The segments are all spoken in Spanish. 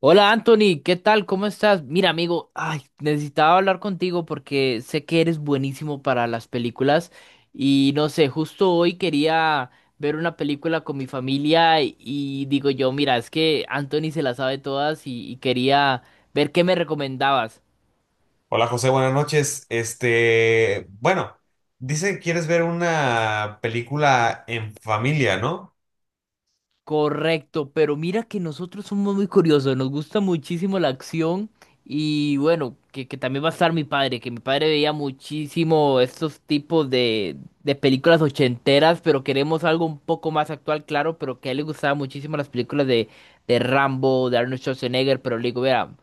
Hola Anthony, ¿qué tal? ¿Cómo estás? Mira, amigo, ay, necesitaba hablar contigo porque sé que eres buenísimo para las películas y no sé, justo hoy quería ver una película con mi familia y digo yo, mira, es que Anthony se la sabe todas y quería ver qué me recomendabas. Hola José, buenas noches. Bueno, dice que quieres ver una película en familia, ¿no? Correcto, pero mira que nosotros somos muy curiosos, nos gusta muchísimo la acción y bueno, que también va a estar mi padre, que mi padre veía muchísimo estos tipos de películas ochenteras, pero queremos algo un poco más actual, claro, pero que a él le gustaban muchísimo las películas de Rambo, de Arnold Schwarzenegger, pero le digo, mira,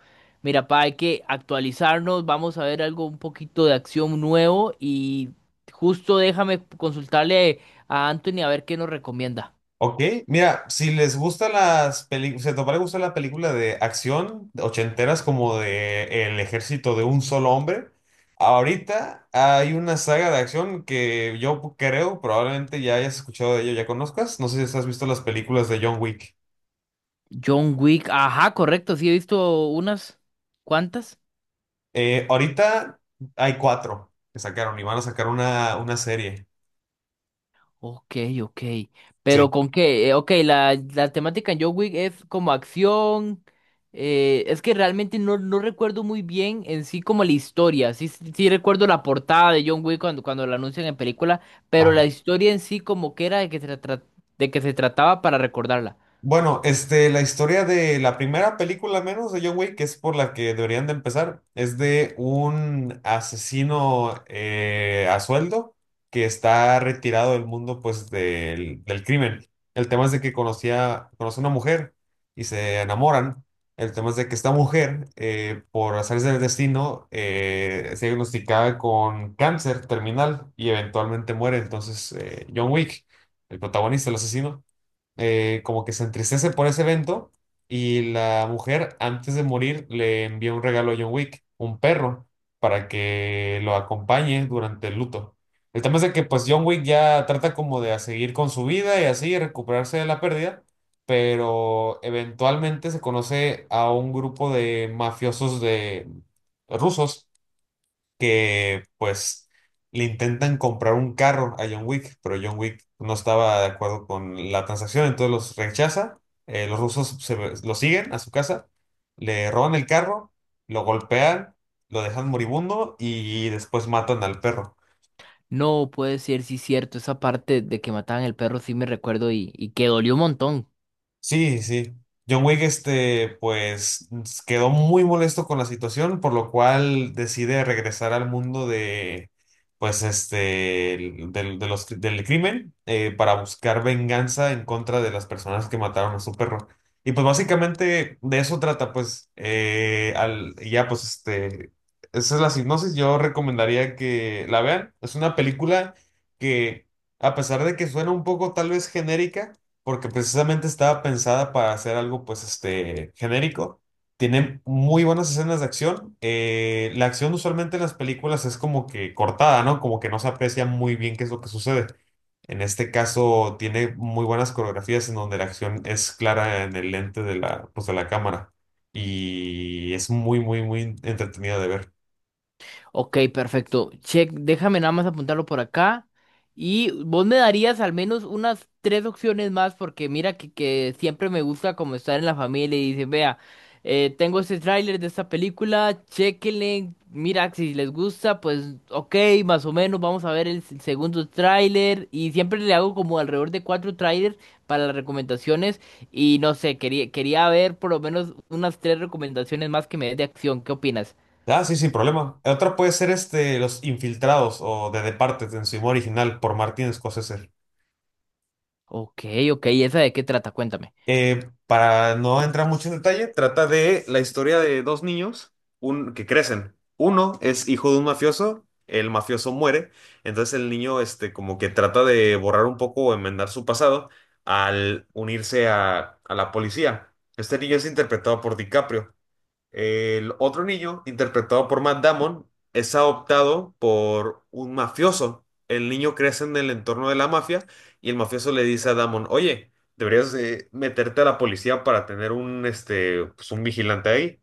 mira, pa, hay que actualizarnos, vamos a ver algo un poquito de acción nuevo y justo déjame consultarle a Anthony a ver qué nos recomienda. Ok, mira, si les gusta las películas, si a tu papá le gusta la película de acción de ochenteras como de El ejército de un solo hombre, ahorita hay una saga de acción que yo creo probablemente ya hayas escuchado de ello, ya conozcas. No sé si has visto las películas de John Wick. John Wick, ajá, correcto, sí he visto unas cuantas. Ahorita hay cuatro que sacaron y van a sacar una serie. Ok, ok. Sí. Pero con qué, ok, la temática en John Wick es como acción. Es que realmente no, no recuerdo muy bien en sí como la historia. Sí, sí sí recuerdo la portada de John Wick cuando, cuando la anuncian en película, pero la Ajá. historia en sí como que era de que se, de que se trataba para recordarla. Bueno, la historia de la primera película, al menos de John Wick, que es por la que deberían de empezar, es de un asesino a sueldo que está retirado del mundo, pues, del crimen. El tema es de que conoce a una mujer y se enamoran. El tema es de que esta mujer, por azares del destino, se diagnosticaba con cáncer terminal y eventualmente muere. Entonces, John Wick, el protagonista, el asesino como que se entristece por ese evento y la mujer antes de morir le envía un regalo a John Wick, un perro, para que lo acompañe durante el luto. El tema es de que pues John Wick ya trata como de a seguir con su vida y así recuperarse de la pérdida, pero eventualmente se conoce a un grupo de mafiosos de rusos que pues le intentan comprar un carro a John Wick, pero John Wick no estaba de acuerdo con la transacción, entonces los rechaza, los rusos lo siguen a su casa, le roban el carro, lo golpean, lo dejan moribundo y después matan al perro. No puede ser, sí cierto, esa parte de que mataban el perro sí me recuerdo y que dolió un montón. Sí, sí. John Wick, pues quedó muy molesto con la situación, por lo cual decide regresar al mundo de, pues, del crimen, para buscar venganza en contra de las personas que mataron a su perro. Y pues básicamente de eso trata, pues, y ya, pues, esa es la sinopsis. Yo recomendaría que la vean. Es una película que, a pesar de que suena un poco tal vez genérica, porque precisamente estaba pensada para hacer algo pues este genérico. Tiene muy buenas escenas de acción. La acción usualmente en las películas es como que cortada, ¿no? Como que no se aprecia muy bien qué es lo que sucede. En este caso tiene muy buenas coreografías en donde la acción es clara en el lente de la, pues, de la cámara y es muy, muy, muy entretenida de ver. Ok, perfecto. Check, déjame nada más apuntarlo por acá. Y vos me darías al menos unas 3 opciones más, porque mira que siempre me gusta como estar en la familia y dice, vea, tengo este tráiler de esta película, chéquenle, mira si les gusta, pues ok, más o menos, vamos a ver el segundo tráiler. Y siempre le hago como alrededor de 4 tráilers para las recomendaciones. Y no sé, quería ver por lo menos unas 3 recomendaciones más que me des de acción. ¿Qué opinas? Ah, sí, sin problema. Otra puede ser Los Infiltrados o The Departed en su idioma original por Martin Scorsese. Ok, ok, ¿y esa de qué trata? Cuéntame. Para no entrar mucho en detalle, trata de la historia de dos niños que crecen. Uno es hijo de un mafioso, el mafioso muere, entonces el niño este, como que trata de borrar un poco o enmendar su pasado al unirse a la policía. Este niño es interpretado por DiCaprio. El otro niño, interpretado por Matt Damon, es adoptado por un mafioso. El niño crece en el entorno de la mafia y el mafioso le dice a Damon, oye, deberías meterte a la policía para tener un, este, pues, un vigilante ahí.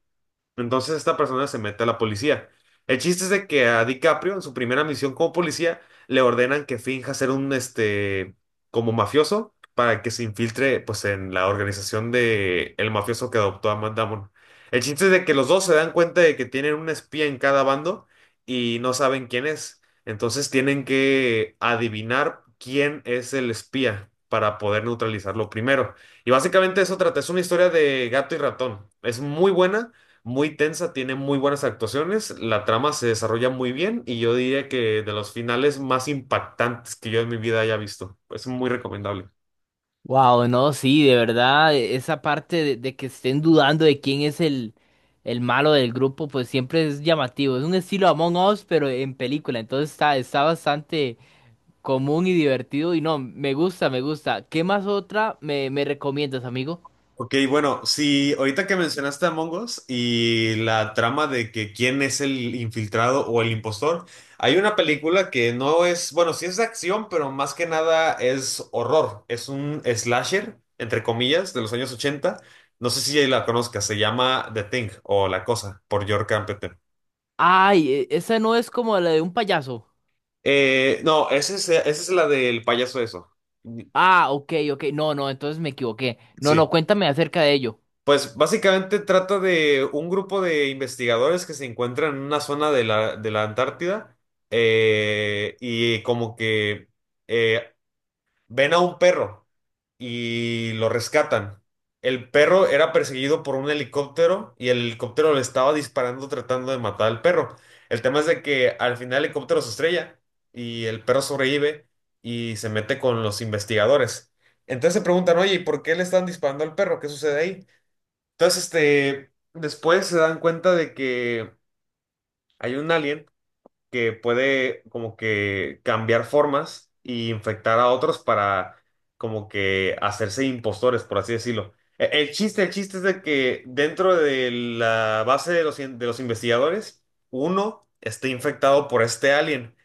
Entonces esta persona se mete a la policía. El chiste es de que a DiCaprio, en su primera misión como policía, le ordenan que finja ser un, como mafioso para que se infiltre, pues, en la organización de el mafioso que adoptó a Matt Damon. El chiste es de que los dos se dan cuenta de que tienen un espía en cada bando y no saben quién es. Entonces tienen que adivinar quién es el espía para poder neutralizarlo primero. Y básicamente eso trata, es una historia de gato y ratón. Es muy buena muy tensa, tiene muy buenas actuaciones, la trama se desarrolla muy bien y yo diría que de los finales más impactantes que yo en mi vida haya visto. Es muy recomendable. Wow, no, sí, de verdad, esa parte de que estén dudando de quién es el malo del grupo, pues siempre es llamativo. Es un estilo Among Us, pero en película, entonces está, está bastante común y divertido. Y no, me gusta, me gusta. ¿Qué más otra me, me recomiendas, amigo? Ok, bueno, si ahorita que mencionaste a Mongos y la trama de que quién es el infiltrado o el impostor, hay una película que no es, bueno, sí es de acción, pero más que nada es horror. Es un slasher, entre comillas, de los años ochenta. No sé si la conozcas, se llama The Thing o La Cosa, por York Carpenter. Ay, esa no es como la de un payaso. No, esa es la del payaso eso. Ah, ok, ok, no, no, entonces me equivoqué. No, no, Sí. cuéntame acerca de ello. Pues básicamente trata de un grupo de investigadores que se encuentran en una zona de la Antártida y como que eh, ven a un perro y lo rescatan. El perro era perseguido por un helicóptero y el helicóptero le estaba disparando tratando de matar al perro. El tema es de que al final el helicóptero se estrella y el perro sobrevive y se mete con los investigadores. Entonces se preguntan, oye, ¿y por qué le están disparando al perro? ¿Qué sucede ahí? Entonces, después se dan cuenta de que hay un alien que puede como que cambiar formas y infectar a otros para como que hacerse impostores, por así decirlo. El chiste es de que dentro de la base de los, de los investigadores, uno esté infectado por este alien,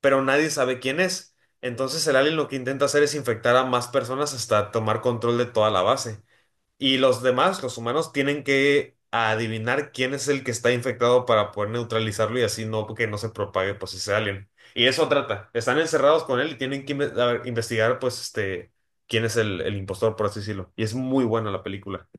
pero nadie sabe quién es. Entonces el alien lo que intenta hacer es infectar a más personas hasta tomar control de toda la base. Y los demás, los humanos, tienen que adivinar quién es el que está infectado para poder neutralizarlo y así no que no se propague pues ese alien. Y eso trata. Están encerrados con él y tienen que a ver, investigar pues este quién es el impostor, por así decirlo. Y es muy buena la película.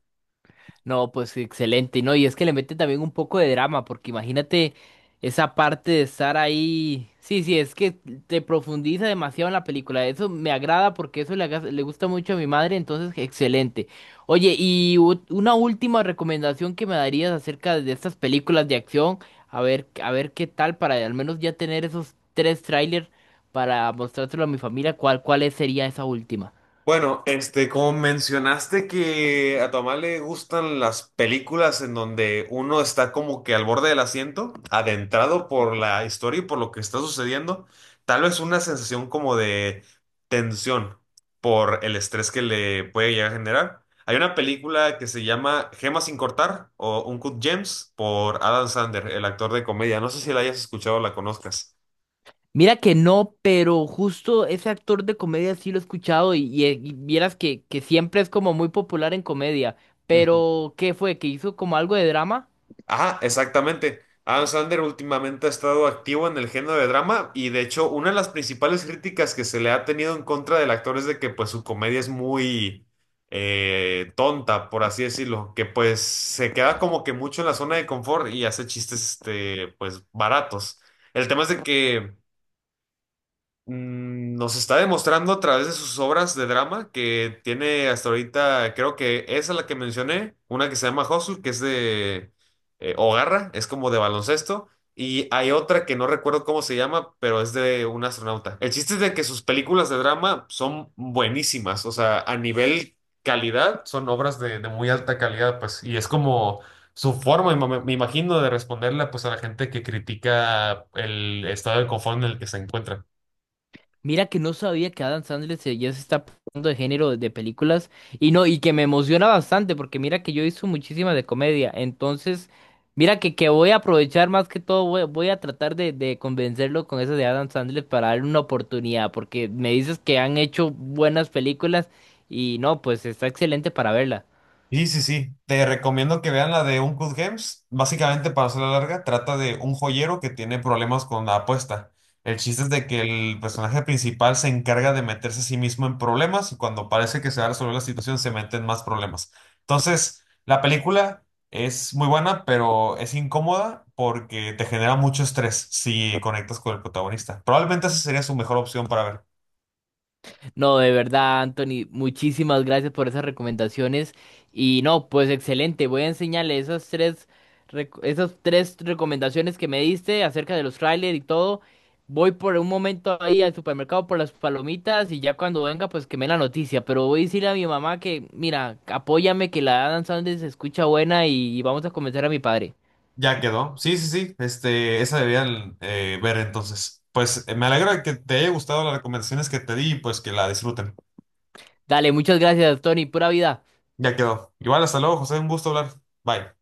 No, pues excelente, ¿no? Y es que le mete también un poco de drama, porque imagínate esa parte de estar ahí. Sí, sí, es que te profundiza demasiado en la película. Eso me agrada porque eso le, le gusta mucho a mi madre, entonces excelente. Oye, y una última recomendación que me darías acerca de estas películas de acción, a ver qué tal para al menos ya tener esos 3 trailers para mostrárselo a mi familia, ¿cuál sería esa última? Bueno, como mencionaste que a tu mamá le gustan las películas en donde uno está como que al borde del asiento, adentrado por la historia y por lo que está sucediendo, tal vez una sensación como de tensión por el estrés que le puede llegar a generar. Hay una película que se llama Gemas sin cortar o Uncut Gems por Adam Sandler, el actor de comedia. No sé si la hayas escuchado o la conozcas. Mira que no, pero justo ese actor de comedia sí lo he escuchado y y vieras que siempre es como muy popular en comedia. Pero, ¿qué fue? ¿Que hizo como algo de drama? Ah, exactamente. Adam Sandler últimamente ha estado activo en el género de drama y de hecho una de las principales críticas que se le ha tenido en contra del actor es de que pues su comedia es muy tonta, por así decirlo, que pues se queda como que mucho en la zona de confort y hace chistes este pues baratos. El tema es de que nos está demostrando a través de sus obras de drama que tiene hasta ahorita, creo que esa es la que mencioné, una que se llama Hustle, que es de o Garra, es como de baloncesto, y hay otra que no recuerdo cómo se llama, pero es de un astronauta. El chiste es de que sus películas de drama son buenísimas, o sea, a nivel calidad, son obras de muy alta calidad, pues, y es como su forma, me imagino, de responderle pues a la gente que critica el estado de confort en el que se encuentra. Mira que no sabía que Adam Sandler ya se está pasando de género de películas y no, y que me emociona bastante porque mira que yo hizo muchísimas de comedia, entonces mira que voy a aprovechar más que todo, voy a tratar de convencerlo con eso de Adam Sandler para darle una oportunidad porque me dices que han hecho buenas películas y no, pues está excelente para verla. Sí, sí, sí. Te recomiendo que vean la de Uncut Gems. Básicamente, para hacerla larga, trata de un joyero que tiene problemas con la apuesta. El chiste es de que el personaje principal se encarga de meterse a sí mismo en problemas y cuando parece que se va a resolver la situación se mete en más problemas. Entonces, la película es muy buena, pero es incómoda porque te genera mucho estrés si conectas con el protagonista. Probablemente esa sería su mejor opción para ver. No, de verdad, Anthony, muchísimas gracias por esas recomendaciones. Y no, pues excelente, voy a enseñarle esas 3 recomendaciones que me diste acerca de los trailers y todo. Voy por un momento ahí al supermercado por las palomitas y ya cuando venga, pues que me dé la noticia. Pero voy a decirle a mi mamá que, mira, apóyame, que la Adam Sandler se escucha buena y vamos a convencer a mi padre. Ya quedó. Sí, sí, sí. Esa debían ver entonces. Pues me alegra que te haya gustado las recomendaciones que te di y pues que la disfruten. Dale, muchas gracias, Tony, pura vida. Ya quedó. Igual, hasta luego, José. Un gusto hablar. Bye.